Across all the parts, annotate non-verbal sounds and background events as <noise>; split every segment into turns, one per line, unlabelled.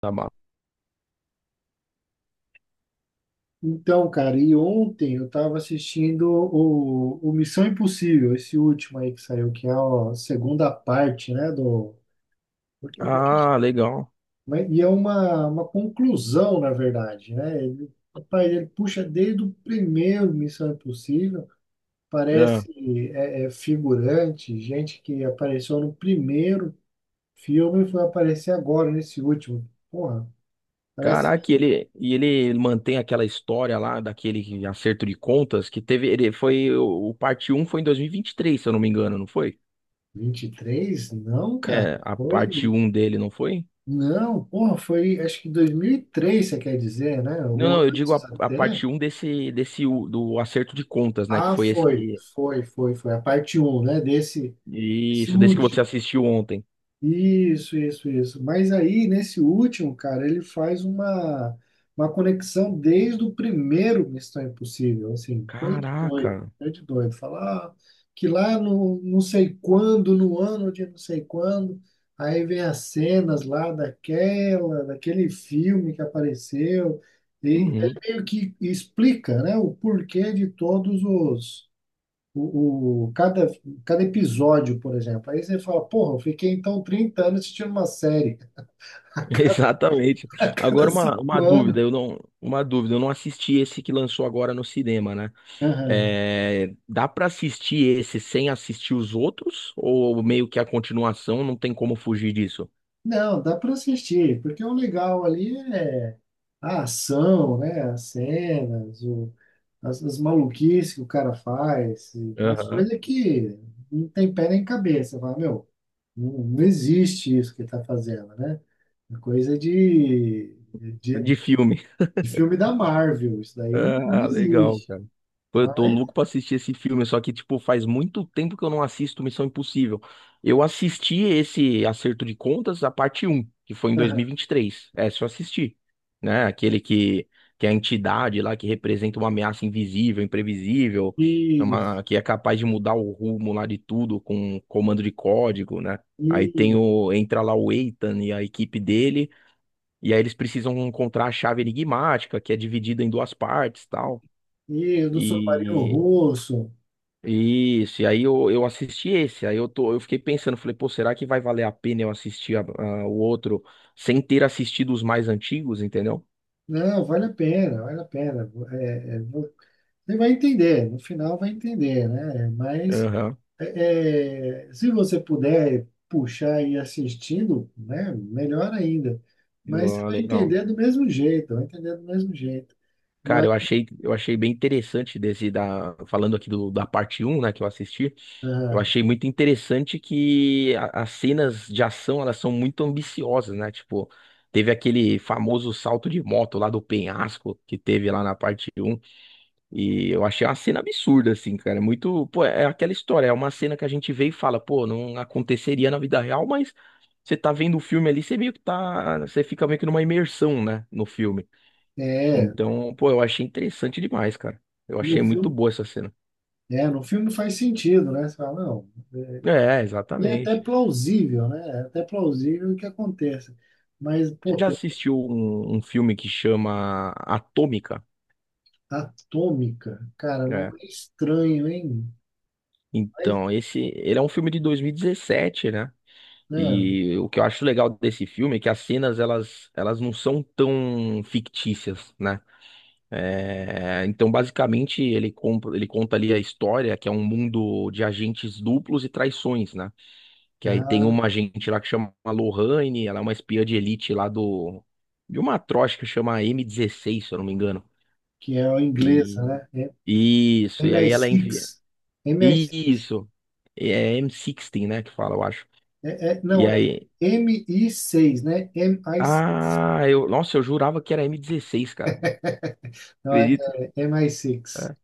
Tá bom.
Então, cara, e ontem eu tava assistindo o Missão Impossível, esse último aí que saiu, que é a segunda parte, né, do... Porque, porque-
Ah, legal.
e é uma conclusão, na verdade, né? Ele, rapaz, ele puxa desde o primeiro Missão Impossível,
É.
parece é figurante, gente que apareceu no primeiro filme e foi aparecer agora nesse último. Porra, parece
Caraca, e
que
ele, e ele mantém aquela história lá daquele acerto de contas que teve. Ele foi. O parte um foi em dois mil e vinte e três, se eu não me engano, não foi?
vinte e três. Não, cara,
É, a
foi...
parte um dele, não foi?
Não, porra, foi acho que 2003, você quer dizer, né?
Não,
Ou
não, eu digo
antes
a
até.
parte um desse, do acerto de contas, né? Que
Ah,
foi esse
foi,
que.
foi, foi, foi. A parte um, né? Desse, desse
Isso, desse que você
último.
assistiu ontem.
Isso, isso, isso. Mas aí, nesse último, cara, ele faz uma conexão desde o primeiro Missão Impossível, assim, coisa de doido,
Caraca.
coisa de doido. Falar que lá no não sei quando, no ano de não sei quando, aí vem as cenas lá daquela, daquele filme que apareceu, e ele
Uhum,
meio que explica, né, o porquê de todos os cada, cada episódio, por exemplo. Aí você fala, porra, eu fiquei então 30 anos assistindo uma série. <laughs> A
<laughs>
cada,
exatamente.
a cada
Agora uma
cinco anos.
dúvida, eu não assisti esse que lançou agora no cinema, né?
Aham.
É, dá pra assistir esse sem assistir os outros? Ou meio que a continuação não tem como fugir disso?
Não, dá para assistir, porque o legal ali é a ação, né? As cenas, as, as maluquices que o cara faz, e as
Aham.
coisas que não tem pé nem cabeça. Você fala, meu, não, não existe isso que ele tá fazendo, né? É coisa de,
De filme.
de filme da Marvel, isso daí não
Ah, legal,
existe.
cara. Pô, eu tô
Mas
louco pra assistir esse filme, só que, tipo, faz muito tempo que eu não assisto Missão Impossível. Eu assisti esse Acerto de Contas, a parte um, que foi em dois mil e
aham,
e vinte e três. É, se eu assisti, né? Aquele que é a entidade lá que representa uma ameaça invisível, imprevisível, é
isso,
uma, que é capaz de mudar o rumo lá de tudo com comando de código, né? Aí tem
e,
o, entra lá o Ethan e a equipe dele e aí eles precisam encontrar a chave enigmática, que é dividida em duas partes, tal.
e do submarino
E
russo.
isso, e aí eu assisti esse, aí eu tô, eu fiquei pensando, falei, pô, será que vai valer a pena eu assistir o outro sem ter assistido os mais antigos, entendeu?
Não, vale a pena, vale a pena. É, é, você vai entender, no final vai entender, né? Mas
Aham.
é, é, se você puder puxar e ir assistindo, né, melhor ainda. Mas você
Ah,
vai
legal.
entender do mesmo jeito, vai entender do mesmo jeito.
Cara,
Mas
eu achei bem interessante desse da falando aqui do, da parte um, né, que eu assisti. Eu
ah,
achei muito interessante que as cenas de ação, elas são muito ambiciosas, né? Tipo, teve aquele famoso salto de moto lá do penhasco que teve lá na parte um e eu achei uma cena absurda assim, cara, muito, pô, é aquela história, é uma cena que a gente vê e fala, pô, não aconteceria na vida real, mas você tá vendo o filme ali, você fica meio que numa imersão, né, no filme.
é,
Então, pô, eu achei interessante demais, cara. Eu
no
achei muito
filme,
boa essa cena.
é, no filme faz sentido, né? Você fala, não.
É,
E é até
exatamente.
plausível, né? É até plausível que aconteça. Mas,
Você
pô,
já
tá-
assistiu um filme que chama Atômica?
atômica, cara, não
É.
é estranho, hein? Mas,
Então, esse, ele é um filme de 2017, né?
né?
E o que eu acho legal desse filme é que as cenas, elas não são tão fictícias, né? É, então, basicamente, ele, ele conta ali a história, que é um mundo de agentes duplos e traições, né? Que aí tem
Ah,
uma agente lá que chama Lorraine, ela é uma espiã de elite lá do... De uma atroz que chama m dezesseis, se eu não me engano.
que é a inglesa,
E
né?
isso,
É mi. M
e aí ela envia.
MI6.
Isso. É M16, né, que fala, eu acho.
É, é-
E
não, é
aí,
M mi seis, né? MI6.
ah, eu, nossa, eu jurava que era m dezesseis cara.
<laughs> Não, é,
Acredita?
é MI6.
É.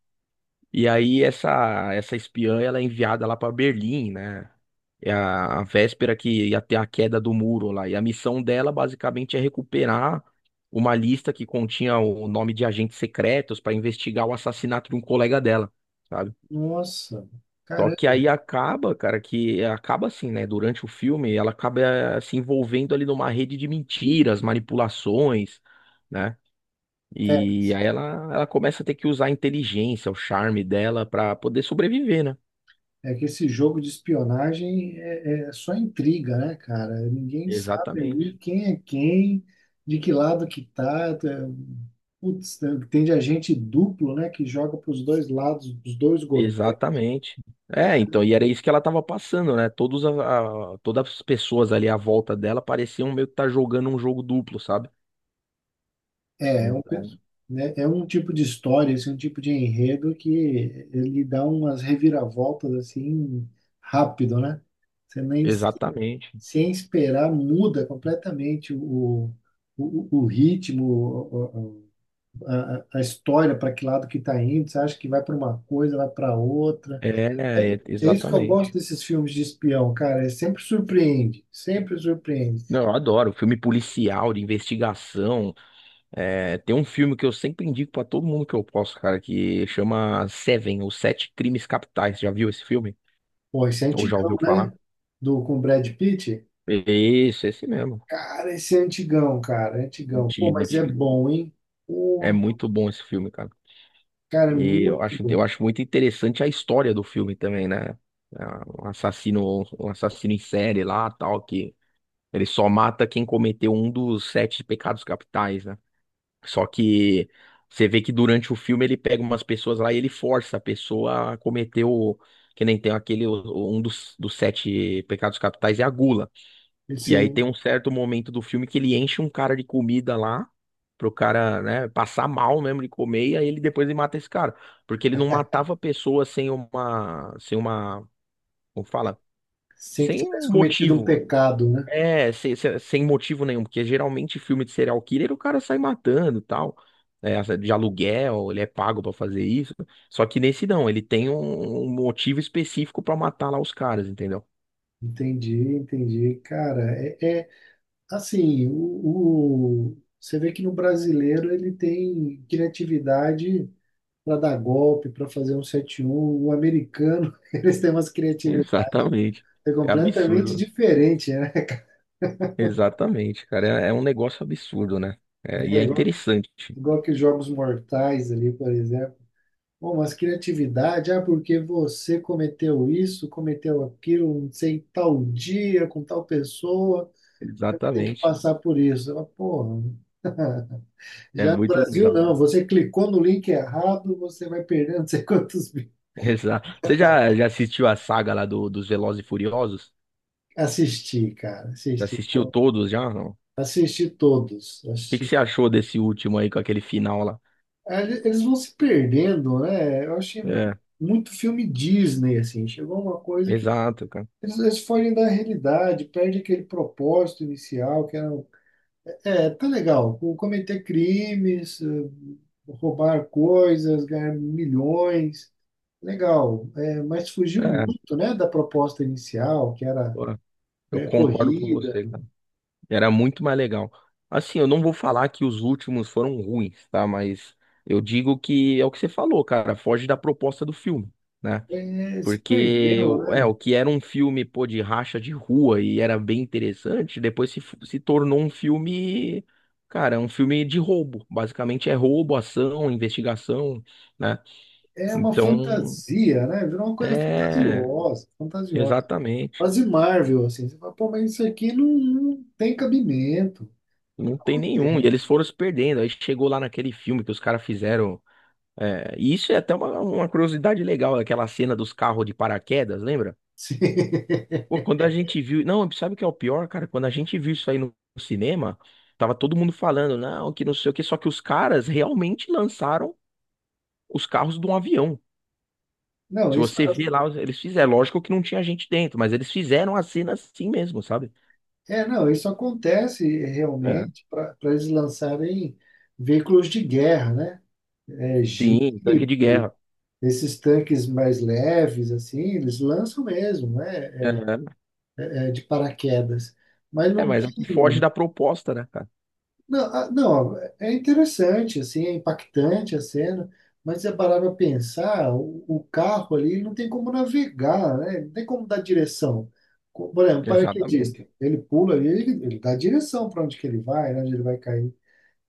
E aí essa espiã, ela é enviada lá pra Berlim, né? É a véspera que ia ter a queda do muro lá. E a missão dela basicamente é recuperar uma lista que continha o nome de agentes secretos pra investigar o assassinato de um colega dela. Sabe?
Nossa,
Só que
caramba.
aí acaba, cara, que acaba assim, né? Durante o filme, ela acaba eh, se envolvendo ali numa rede de mentiras, manipulações, né? E aí ela começa a ter que usar a inteligência, o charme dela pra poder sobreviver, né?
É que esse jogo de espionagem é, é só intriga, né, cara? Ninguém sabe ali
Exatamente.
quem é quem, de que lado que tá. É, putz, tem de agente duplo, né, que joga para os dois lados, dos dois governos.
Exatamente. É, então,
Cara,
e era isso que ela tava passando, né? Todos todas as pessoas ali à volta dela pareciam meio que tá jogando um jogo duplo, sabe?
é, é um, pe-,
Então,
né, é um tipo de história, esse é um tipo de enredo que ele dá umas reviravoltas assim rápido, né? Você nem
exatamente.
sem esperar muda completamente o, o ritmo, a história, para que lado que está indo, você acha que vai para uma coisa, vai para outra.
É,
É, é isso que eu gosto
exatamente.
desses filmes de espião, cara, é sempre surpreende, sempre surpreende.
Não, eu adoro filme policial, de investigação. É, tem um filme que eu sempre indico pra todo mundo que eu posso, cara, que chama Seven, ou Sete Crimes Capitais. Já viu esse filme?
Pô, esse é
Ou já
antigão,
ouviu
né?
falar?
Do, com o Brad Pitt.
Isso, esse mesmo.
Cara, esse é antigão, cara, é antigão. Pô,
Antigo,
mas é
antigo.
bom, hein?
É
Pô,
muito bom esse filme, cara.
cara, é
E
muito
eu
bom.
acho muito interessante a história do filme também, né? É um assassino, um assassino em série lá, tal, que ele só mata quem cometeu um dos sete pecados capitais, né? Só que você vê que durante o filme ele pega umas pessoas lá e ele força a pessoa a cometer o. Que nem tem aquele. Um dos, dos sete pecados capitais é a gula. E aí
Assim,
tem um certo momento do filme que ele enche um cara de comida lá. Pro cara, né, passar mal mesmo de comer, e aí ele depois ele mata esse cara. Porque ele não matava pessoas sem como fala?
sem que
Sem um
tivesse cometido um
motivo.
pecado, né?
É, sem motivo nenhum, porque geralmente filme de serial killer o cara sai matando, e tal, é, de aluguel, ele é pago pra fazer isso. Só que nesse não, ele tem um motivo específico pra matar lá os caras, entendeu?
Entendi, entendi. Cara, é, é-. Assim, você vê que no brasileiro ele tem criatividade para dar golpe, para fazer um sete. Um o americano, <laughs> eles têm umas
<laughs>
criatividades
Exatamente. É
completamente
absurdo.
diferentes, né?
Exatamente, cara, um negócio absurdo, né? É, e
É,
é
igual,
interessante.
igual que os Jogos Mortais ali, por exemplo. Bom, mas criatividade, ah, porque você cometeu isso, cometeu aquilo, não sei, tal dia, com tal pessoa, tem que
Exatamente.
passar por isso. Ela, pô,
É
já no
muito
Brasil,
legal.
não.
<laughs>
Você clicou no link errado, você vai perder não sei quantos mil.
Exato. Você já, já assistiu a saga lá do, dos Velozes e Furiosos?
Assisti, cara.
Já
Assisti.
assistiu todos já? Não?
Assisti todos.
Que você
Assisti.
achou desse último aí com aquele final lá?
Ah, eles vão se perdendo, né? Eu achei
É,
muito filme Disney, assim. Chegou uma coisa que
exato, cara.
eles fogem da realidade, perde aquele propósito inicial que era... Um, é, tá legal. Cometer crimes, roubar coisas, ganhar milhões. Legal, é, mas fugiu
É,
muito, né, da proposta inicial, que era.
pô, eu
É,
concordo com
corrida,
você, cara. Era muito mais legal. Assim, eu não vou falar que os últimos foram ruins, tá? Mas eu digo que é o que você falou, cara. Foge da proposta do filme, né?
é, se perdeu,
É
né?
o que era um filme, pô, de racha de rua e era bem interessante, depois se, se tornou um filme, cara, um filme de roubo. Basicamente é roubo, ação, investigação, né?
É uma
Então.
fantasia, né? Virou uma coisa
É,
fantasiosa, fantasiosa.
exatamente.
Quase Marvel, assim. Você fala, pô, mas isso aqui não, não tem cabimento.
Não tem nenhum. E
Acontece.
eles foram se perdendo. Aí chegou lá naquele filme que os caras fizeram. É, e isso é até uma curiosidade legal, aquela cena dos carros de paraquedas, lembra?
<laughs>
Pô, quando a gente viu. Não, sabe o que é o pior, cara? Quando a gente viu isso aí no cinema, tava todo mundo falando, não, que não sei o quê. Só que os caras realmente lançaram os carros de um avião.
Não,
Se
isso,
você vê lá, eles fizeram. É, lógico que não tinha gente dentro, mas eles fizeram a cena assim mesmo, sabe?
é, não, isso acontece
É.
realmente para eles lançarem veículos de guerra, né? É, jeep,
Sim, tanque de guerra.
esses tanques mais leves, assim, eles lançam mesmo, né?
É.
É, de paraquedas. Mas
É,
não
mas aqui foge
tem.
da proposta, né, cara?
Não, ah, não, é interessante, assim, é impactante a cena, mas se você parar para pensar, o carro ali não tem como navegar, né? Não tem como dar direção. Por exemplo, o paraquedista,
Exatamente.
ele pula ali, ele dá direção para onde que ele vai, né, onde ele vai cair.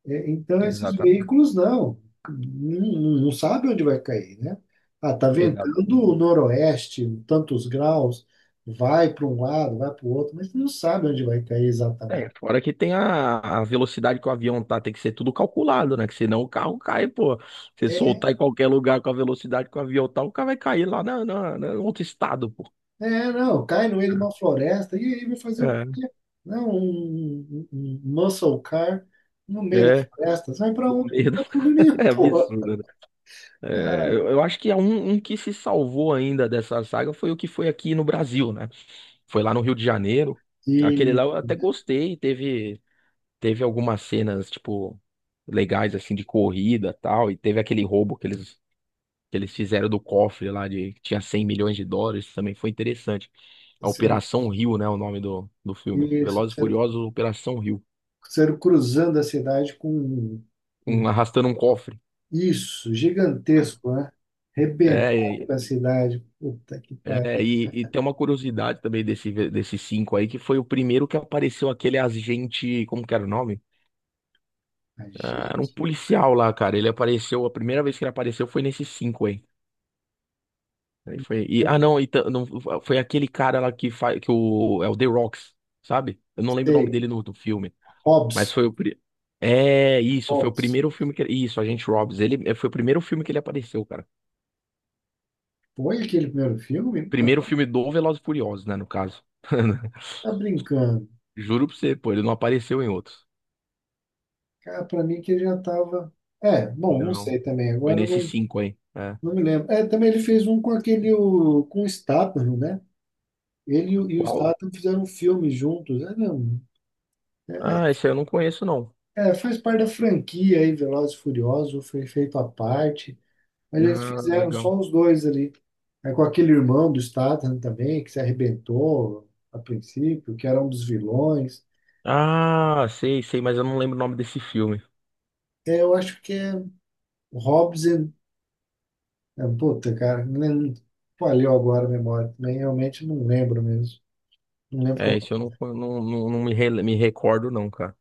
É, então, esses
Exatamente.
veículos não, não, não sabe onde vai cair, né? Ah, tá ventando
Exatamente.
noroeste, tantos graus, vai para um lado, vai para o outro, mas não sabe onde vai cair.
É, fora que tem a velocidade que o avião tá, tem que ser tudo calculado, né? Que senão o carro cai, pô. Se soltar em qualquer lugar com a velocidade que o avião tá, o carro vai cair lá em outro estado, pô.
É, não, cai no meio de uma floresta e aí vai fazer o
É,
quê? Não, um, um muscle car no meio da
é,
floresta. Você vai para
no
onde?
meio
Não
da...
vai para lugar
<laughs>
nenhum,
É
porra.
absurdo, né? É,
Cara,
eu acho que é um que se salvou ainda dessa saga foi o que foi aqui no Brasil, né? Foi lá no Rio de Janeiro. Aquele
e
lá eu até gostei, teve. Teve algumas cenas, tipo, legais, assim, de corrida e tal, e teve aquele roubo que eles fizeram do cofre lá, de, que tinha US$ 100 milhões, também foi interessante. A
sério,
Operação Rio, né, o nome do, do filme.
isso,
Velozes e
sério,
Furiosos, Operação Rio.
sério, cruzando a cidade com
Um, arrastando um cofre.
isso, gigantesco, né? Rebentado
É,
com a cidade. Puta que
é,
pariu.
e tem uma curiosidade também desse, desses cinco aí, que foi o primeiro que apareceu aquele agente, como que era o nome?
Imagina,
Ah, era um policial lá, cara. Ele apareceu, a primeira vez que ele apareceu foi nesses cinco aí. Aí foi. E,
eu não
ah, não, não, foi aquele cara lá que faz. Que o, é o The Rocks, sabe? Eu não lembro o nome
sei.
dele no, do filme. Mas
Hobbs,
foi o. É, isso, foi o
Hobbs.
primeiro filme que. Isso, Agente Robbins. Ele é, foi o primeiro filme que ele apareceu, cara.
Foi aquele primeiro filme?
Primeiro
Não,
filme do Velozes e Furiosos, né, no caso. <laughs>
tá brincando.
Juro pra você, pô, ele não apareceu em outros.
Cara, pra mim que ele já tava. É, bom, não
Não.
sei também.
Foi
Agora eu
nesses
não,
cinco aí. É.
não me lembro. É, também ele fez um com aquele. Com o Statham, né? Ele e o
Qual?
Statham fizeram um filme juntos. É, não.
Ah, esse aí eu não conheço, não.
É, faz parte da franquia aí, Velozes e Furiosos, foi feito à parte. Mas eles
Ah,
fizeram
legal.
só os dois ali. É com aquele irmão do Statham também, que se arrebentou a princípio, que era um dos vilões.
Ah, sei, sei, mas eu não lembro o nome desse filme.
É, eu acho que é Hobbs. É, puta, cara, nem, falhou agora a memória também, realmente não lembro mesmo. Não
É,
lembro.
isso eu não, não, não, não me, me recordo, não, cara.